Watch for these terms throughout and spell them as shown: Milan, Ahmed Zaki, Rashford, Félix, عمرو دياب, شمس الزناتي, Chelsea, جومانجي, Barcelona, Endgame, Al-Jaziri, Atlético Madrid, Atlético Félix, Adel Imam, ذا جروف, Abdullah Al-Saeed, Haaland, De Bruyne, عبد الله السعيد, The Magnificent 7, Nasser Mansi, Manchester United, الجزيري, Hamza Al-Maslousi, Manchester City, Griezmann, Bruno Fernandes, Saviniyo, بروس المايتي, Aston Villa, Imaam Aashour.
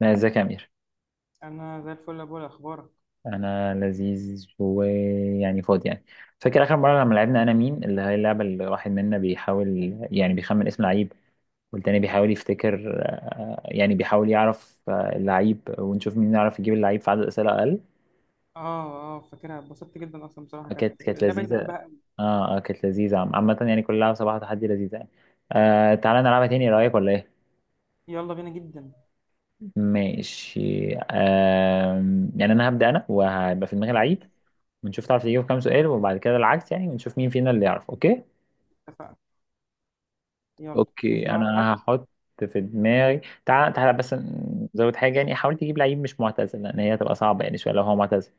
لا، ازيك يا امير؟ انا زي الفل يا بولا، اخبارك؟ انا لذيذ ويعني فاضي يعني. فاكر اخر مره لما لعبنا انا مين اللي هي اللعبه اللي واحد منا بيحاول يعني بيخمن اسم لعيب، والتاني بيحاول يفتكر يعني بيحاول يعرف اللعيب ونشوف مين يعرف يجيب اللعيب في عدد اسئله اقل. اه اه، فاكرها، اتبسطت جدا اصلا بصراحه، كانت كانت اللعبه دي لذيذه. بحبها قوي. اه اه، كانت لذيذه. عامه يعني كل لعبه صباح تحدي لذيذه يعني. آه، تعالى نلعبها تاني، ايه رايك ولا ايه؟ يلا بينا جدا. ماشي. آه، يعني انا هبدا انا وهيبقى في دماغي ماشي. لعيب ونشوف تعرف تجيب كام سؤال وبعد كده العكس يعني، ونشوف مين فينا اللي يعرف. اوكي، اتفقنا. يلا، في اوكي دماغك حد؟ انا هحط في دماغي. تعال تعال بس، نزود حاجه يعني. حاول تجيب لعيب مش معتزل، لان هي هتبقى صعبه يعني شويه لو هو معتزل.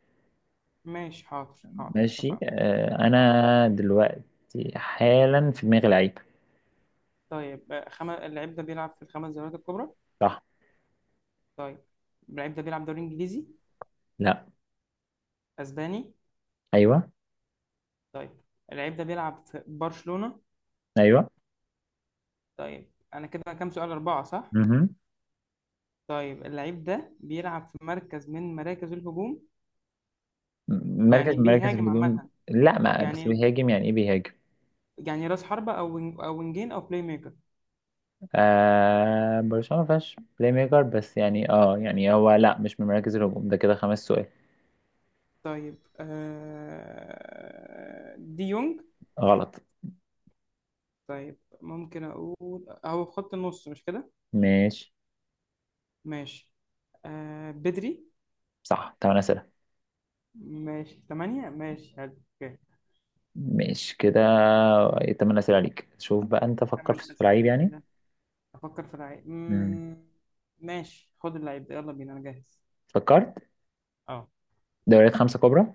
ماشي، حاضر حاضر ماشي. اتفقنا. آه، اه. انا دلوقتي حالا في دماغي لعيب. طيب، اللعيب ده بيلعب في الخمس دوريات الكبرى؟ صح. طيب، اللعيب ده بيلعب دوري انجليزي؟ لا. اسباني؟ ايوه. طيب، اللعيب ده بيلعب في برشلونه؟ ايوه. طيب انا كده كام سؤال، اربعه صح؟ مهم. طيب، اللعيب ده بيلعب في مركز من مراكز الهجوم؟ مركز يعني من مراكز بيهاجم الهجوم؟ عامه؟ لا، ما بس يعني بيهاجم، يعني ايه بيهاجم؟ يعني راس حربة أو وينج أو وينجين أو بلاي ميكر. آه، برشلونه ما فيهاش بلاي ميكر بس يعني، اه يعني هو لا، مش من مراكز الهجوم، ده كده خمس سؤال. طيب، دي يونج؟ غلط. طيب ممكن أقول، هو في خط النص مش كده؟ ماشي. ماشي. بدري؟ صح، تمن أسئلة. ماشي، ثمانية، ماشي حلو. أوكي، ماشي كده. تمن أسئلة عليك، شوف بقى أنت فكر ثمان في لعيب يعني. أسئلة. أفكر في لعيب. مم. ماشي، خد اللعيب ده، يلا بينا، أنا جاهز. فكرت. أه. دوريات خمسة كبرى.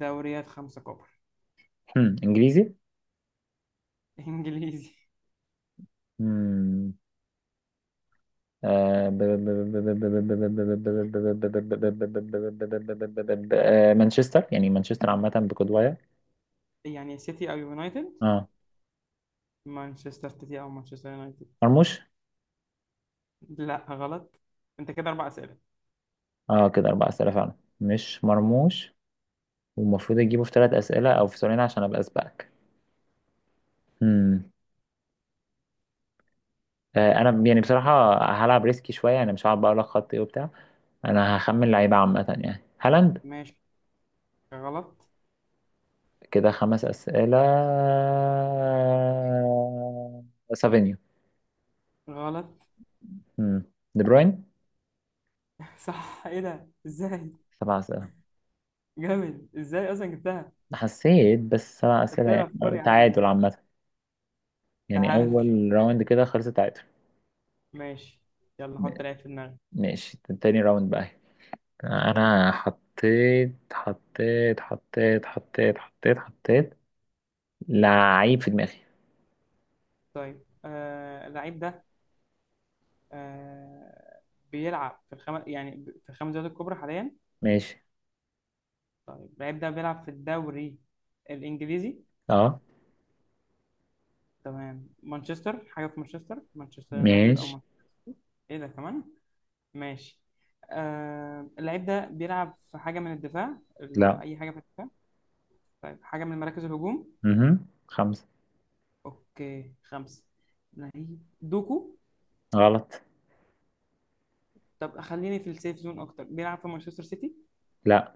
دوريات خمسة كبرى. مم. إنجليزي. إنجليزي. مم. آه، ب- ب- ب- ب- ب- ب- ب- ب- ب- ب- آه، مانشستر يعني، مانشستر عامة بقدوايا. يعني سيتي أو يونايتد؟ اه. مانشستر سيتي أو مانشستر يونايتد؟ مرموش. لا، غلط. أنت كده أربع أسئلة. اه، كده أربع أسئلة فعلا. مش مرموش. والمفروض أجيبه في ثلاث أسئلة أو في سؤالين عشان أبقى أسبقك. مم. آه، أنا يعني بصراحة هلعب ريسكي شوية، يعني مش هقعد بقى أقول لك خط إيه وبتاع. انا هخمن لعيبة عامة يعني، هالاند. ماشي. غلط. كده خمس أسئلة. سافينيو. غلط. مم. دي بروين. صح، ايه ده، ازاي؟ سبع أسئلة. جامد، ازاي اصلا جبتها؟ حسيت بس، سبع طب أسئلة تقرا افكار يعني يا عم ده. تعادل عامة. يعني تعال. أول راوند كده خلص تعادل. ماشي. يلا، م- حط لعيب في دماغك. ماشي، تاني راوند بقى. أنا حطيت لعيب في دماغي. طيب، اللعيب ده، آه بيلعب في في الخمس دوريات الكبرى حاليا؟ ماشي. طيب، اللعيب ده بيلعب في الدوري الانجليزي؟ اه. تمام، مانشستر، حاجه في مانشستر، مانشستر يونايتد او ماشي. مانشستر؟ ايه ده كمان. ماشي. اللعيب ده بيلعب في حاجه من الدفاع، لا. اي حاجه في الدفاع؟ طيب، حاجة من مراكز الهجوم؟ مهم. خمسة. اوكي، خمسة. لعيب دوكو. غلط. طب خليني في السيف زون اكتر. بيلعب في مانشستر سيتي؟ لا.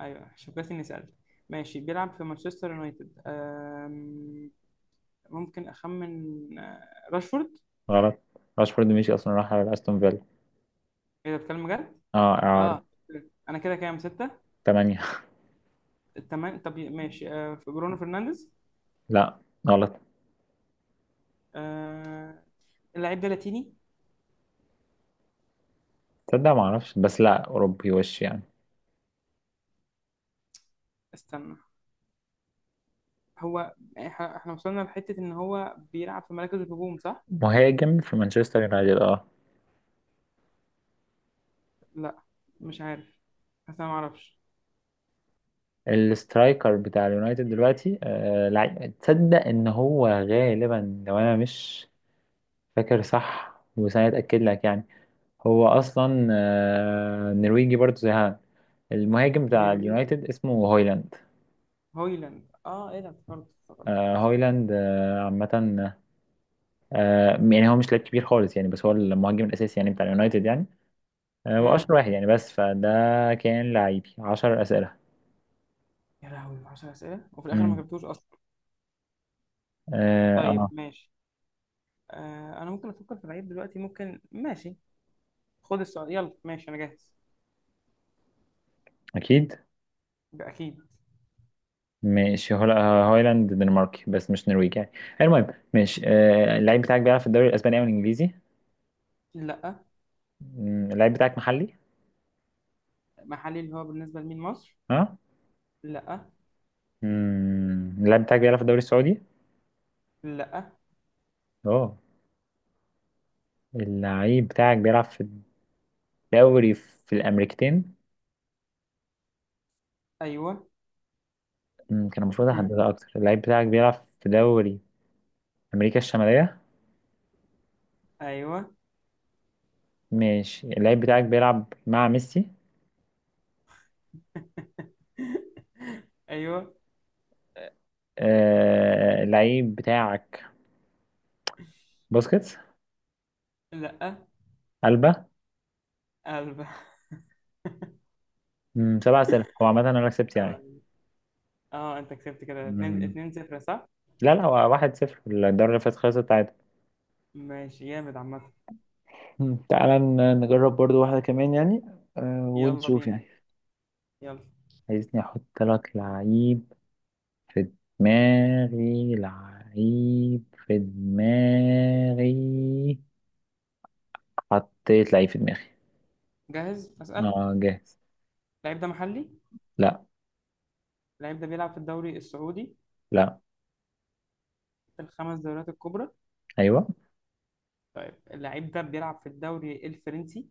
ايوه، شوف بس اني سألت. ماشي، بيلعب في مانشستر يونايتد. ممكن اخمن، آه، راشفورد؟ غلط. راشفورد مشي اصلا، راح على استون فيلا. ايه ده، بتكلم جد؟ اه، اه. اعارة. انا كده كام، ستة؟ تمانية. تمام. طب ماشي، في برونو فرنانديز؟ لا. غلط. آه، اللعيب ده لاتيني؟ تصدق ما اعرفش، بس لا، اوروبي وش يعني. استنى، هو، احنا وصلنا لحتة ان هو بيلعب في مراكز الهجوم صح؟ مهاجم في مانشستر يونايتد، اه. لا، مش عارف، بس انا ما اعرفش. السترايكر بتاع اليونايتد دلوقتي، آه لعيب، تصدق ان هو غالبا، لو انا مش فاكر صح بس انا اتاكد لك يعني، هو اصلا آه نرويجي برضه زي هان، المهاجم بتاع نرويج؟ اليونايتد اسمه هويلاند. هويلاند، اه، ايه ده، افتكرت افتكرت، آه، ايوه صح. هويلاند. آه، عامة آه، يعني هو مش لاعب كبير خالص يعني، بس هو المهاجم الاساسي يعني بتاع اليونايتد يعني. آه، واشهر امم واحد يعني، بس فده كان لعيبي. 10 اسئله. يا لهوي، 10 اسئله وفي الاخر ما امم. جبتوش اصلا. اه. طيب آه. ماشي، انا ممكن افكر في العيب دلوقتي، ممكن، ماشي. خد السؤال، يلا ماشي، انا جاهز. اكيد. اكيد. ماشي. هو لا، هايلاند دنماركي بس مش نرويجي يعني. المهم، ماشي. آه، اللعيب بتاعك بيلعب في الدوري الاسباني او الانجليزي؟ لا. مم، اللعيب بتاعك محلي؟ محلي، اللي هو بالنسبه لمين، مصر؟ ها. لا. مم، اللعيب بتاعك بيلعب في الدوري السعودي؟ لا. اه. اللعيب بتاعك بيلعب في الدوري في الامريكتين؟ ايوه. مم، كان المفروض احددها اكتر. اللعيب بتاعك بيلعب في دوري امريكا الشماليه؟ ايوه. ماشي. اللعيب بتاعك بيلعب مع ميسي؟ ايوه. آه، اللعيب بتاعك بوسكيتس؟ لا. ألبا؟ قلب. مم، سبعة أسئلة. هو عامة أنا كسبت يعني. طبعا اه، انت كسبت كده، 2 مم. 2 0 صح؟ لا لا، هو واحد صفر، الدوري اللي فات خلصت عادي. ماشي، جامد عامه. مم. تعالى نجرب برضو واحدة كمان يعني، آه، يلا ونشوف بينا، يعني. يلا. عايزني أحط لك لعيب في دماغي؟ لعيب في دماغي. حطيت لعيب في دماغي. جاهز أسأل. اه، جاهز. اللعيب ده محلي؟ لا. اللعيب ده بيلعب في الدوري السعودي؟ لا. في الخمس دوريات الكبرى؟ أيوه. طيب، اللعيب ده بيلعب في الدوري الفرنسي؟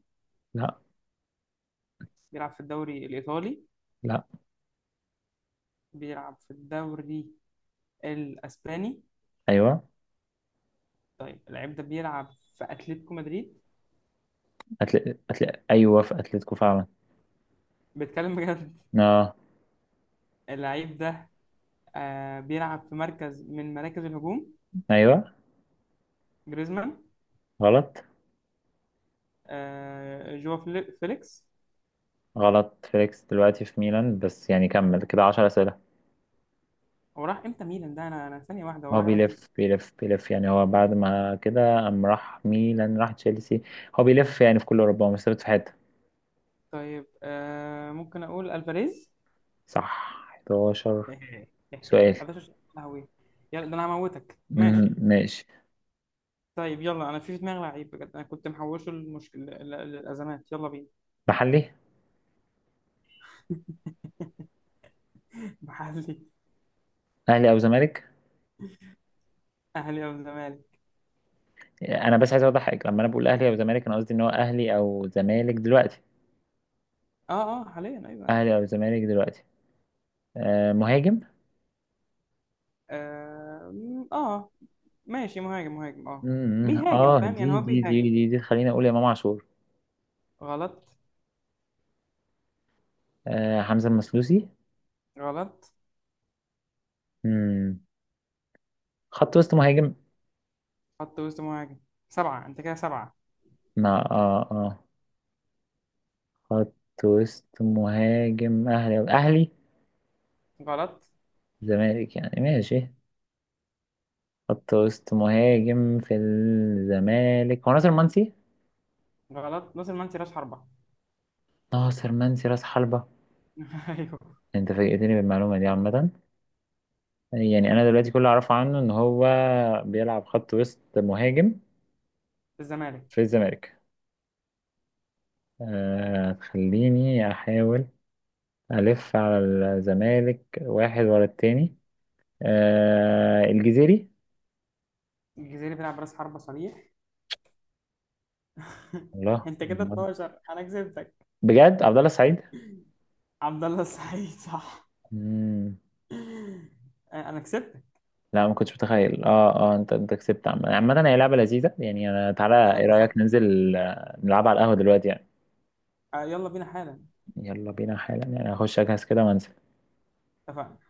لا. بيلعب في الدوري الإيطالي؟ لا. بيلعب في الدوري الأسباني؟ أيوه. طيب، اللعيب ده بيلعب في أتلتيكو مدريد؟ أيوة، في أتلتيكو فعلا. بيتكلم بجد؟ آه. اللعيب ده بيلعب في مركز من مراكز الهجوم؟ أيوة. جريزمان؟ غلط. جوا، فيليكس؟ غلط، فيليكس دلوقتي في ميلان، بس يعني كمل كده عشر أسئلة. هو راح امتى ميلان ده، انا ثانية واحدة، هو هو راح امتى؟ بيلف يعني، هو بعد ما كده قام راح ميلان، راح تشيلسي. هو بيلف يعني في كل أوروبا، هو مش ثابت في حتة. طيب، ممكن اقول الفاريز؟ صح، 11 إيه، إيه، سؤال. 11 شهر، يا لهوي! يلا ده انا هموتك. مم، ماشي. ماشي. طيب يلا، انا في دماغي لعيب بجد، انا كنت محوشه، المشكله الازمات، يلا بينا. محلي. محلي. أهلي أو زمالك؟ اهلي او الزمالك؟ أنا بس عايز أوضح حاجة، لما أنا بقول أهلي أو زمالك أنا قصدي إن هو أهلي أو زمالك دلوقتي. اه اه، حاليا، ايوه عادي. أهلي أو زمالك دلوقتي. آه، مهاجم. اه. ماشي، مهاجم، مهاجم، اه. مم. بيهاجم، اه، فاهم؟ دي يعني هو دي دي بيهاجم. دي دي خليني اقول امام عاشور. غلط. آه، حمزة المسلوسي. غلط. مم. خط وسط مهاجم. خط وسط مهاجم. سبعة، انت كده سبعة. ما اه اه خط وسط مهاجم اهلي، اهلي غلط. زمالك يعني ماشي. خط وسط مهاجم في الزمالك هو ناصر منسي. غلط، نص المنسي راس حربة. ناصر منسي راس حربة؟ ايوه. انت فاجئتني بالمعلومة دي عامة، يعني انا دلوقتي كل اللي اعرفه عنه ان هو بيلعب خط وسط مهاجم الزمالك. في الزمالك. آه، خليني احاول ألف على الزمالك واحد ورا التاني. آه، الجزيري. الجزيري بيلعب راس حربة صريح. الله، انت كده 12، انا كسبتك. بجد؟ عبد الله السعيد. عبد الله السعيد صح. مم. انا كسبتك. لا ما كنتش متخيل. اه اه، انت كسبت. عامة هي لعبة لذيذة يعني. انا تعالى، انا ايه اتبسطت رأيك بصراحه. ننزل آه، نلعبها على القهوة دلوقتي يعني. يلا بينا حالا. يلا بينا حالا، يعني هخش اجهز كده وانزل. اتفقنا.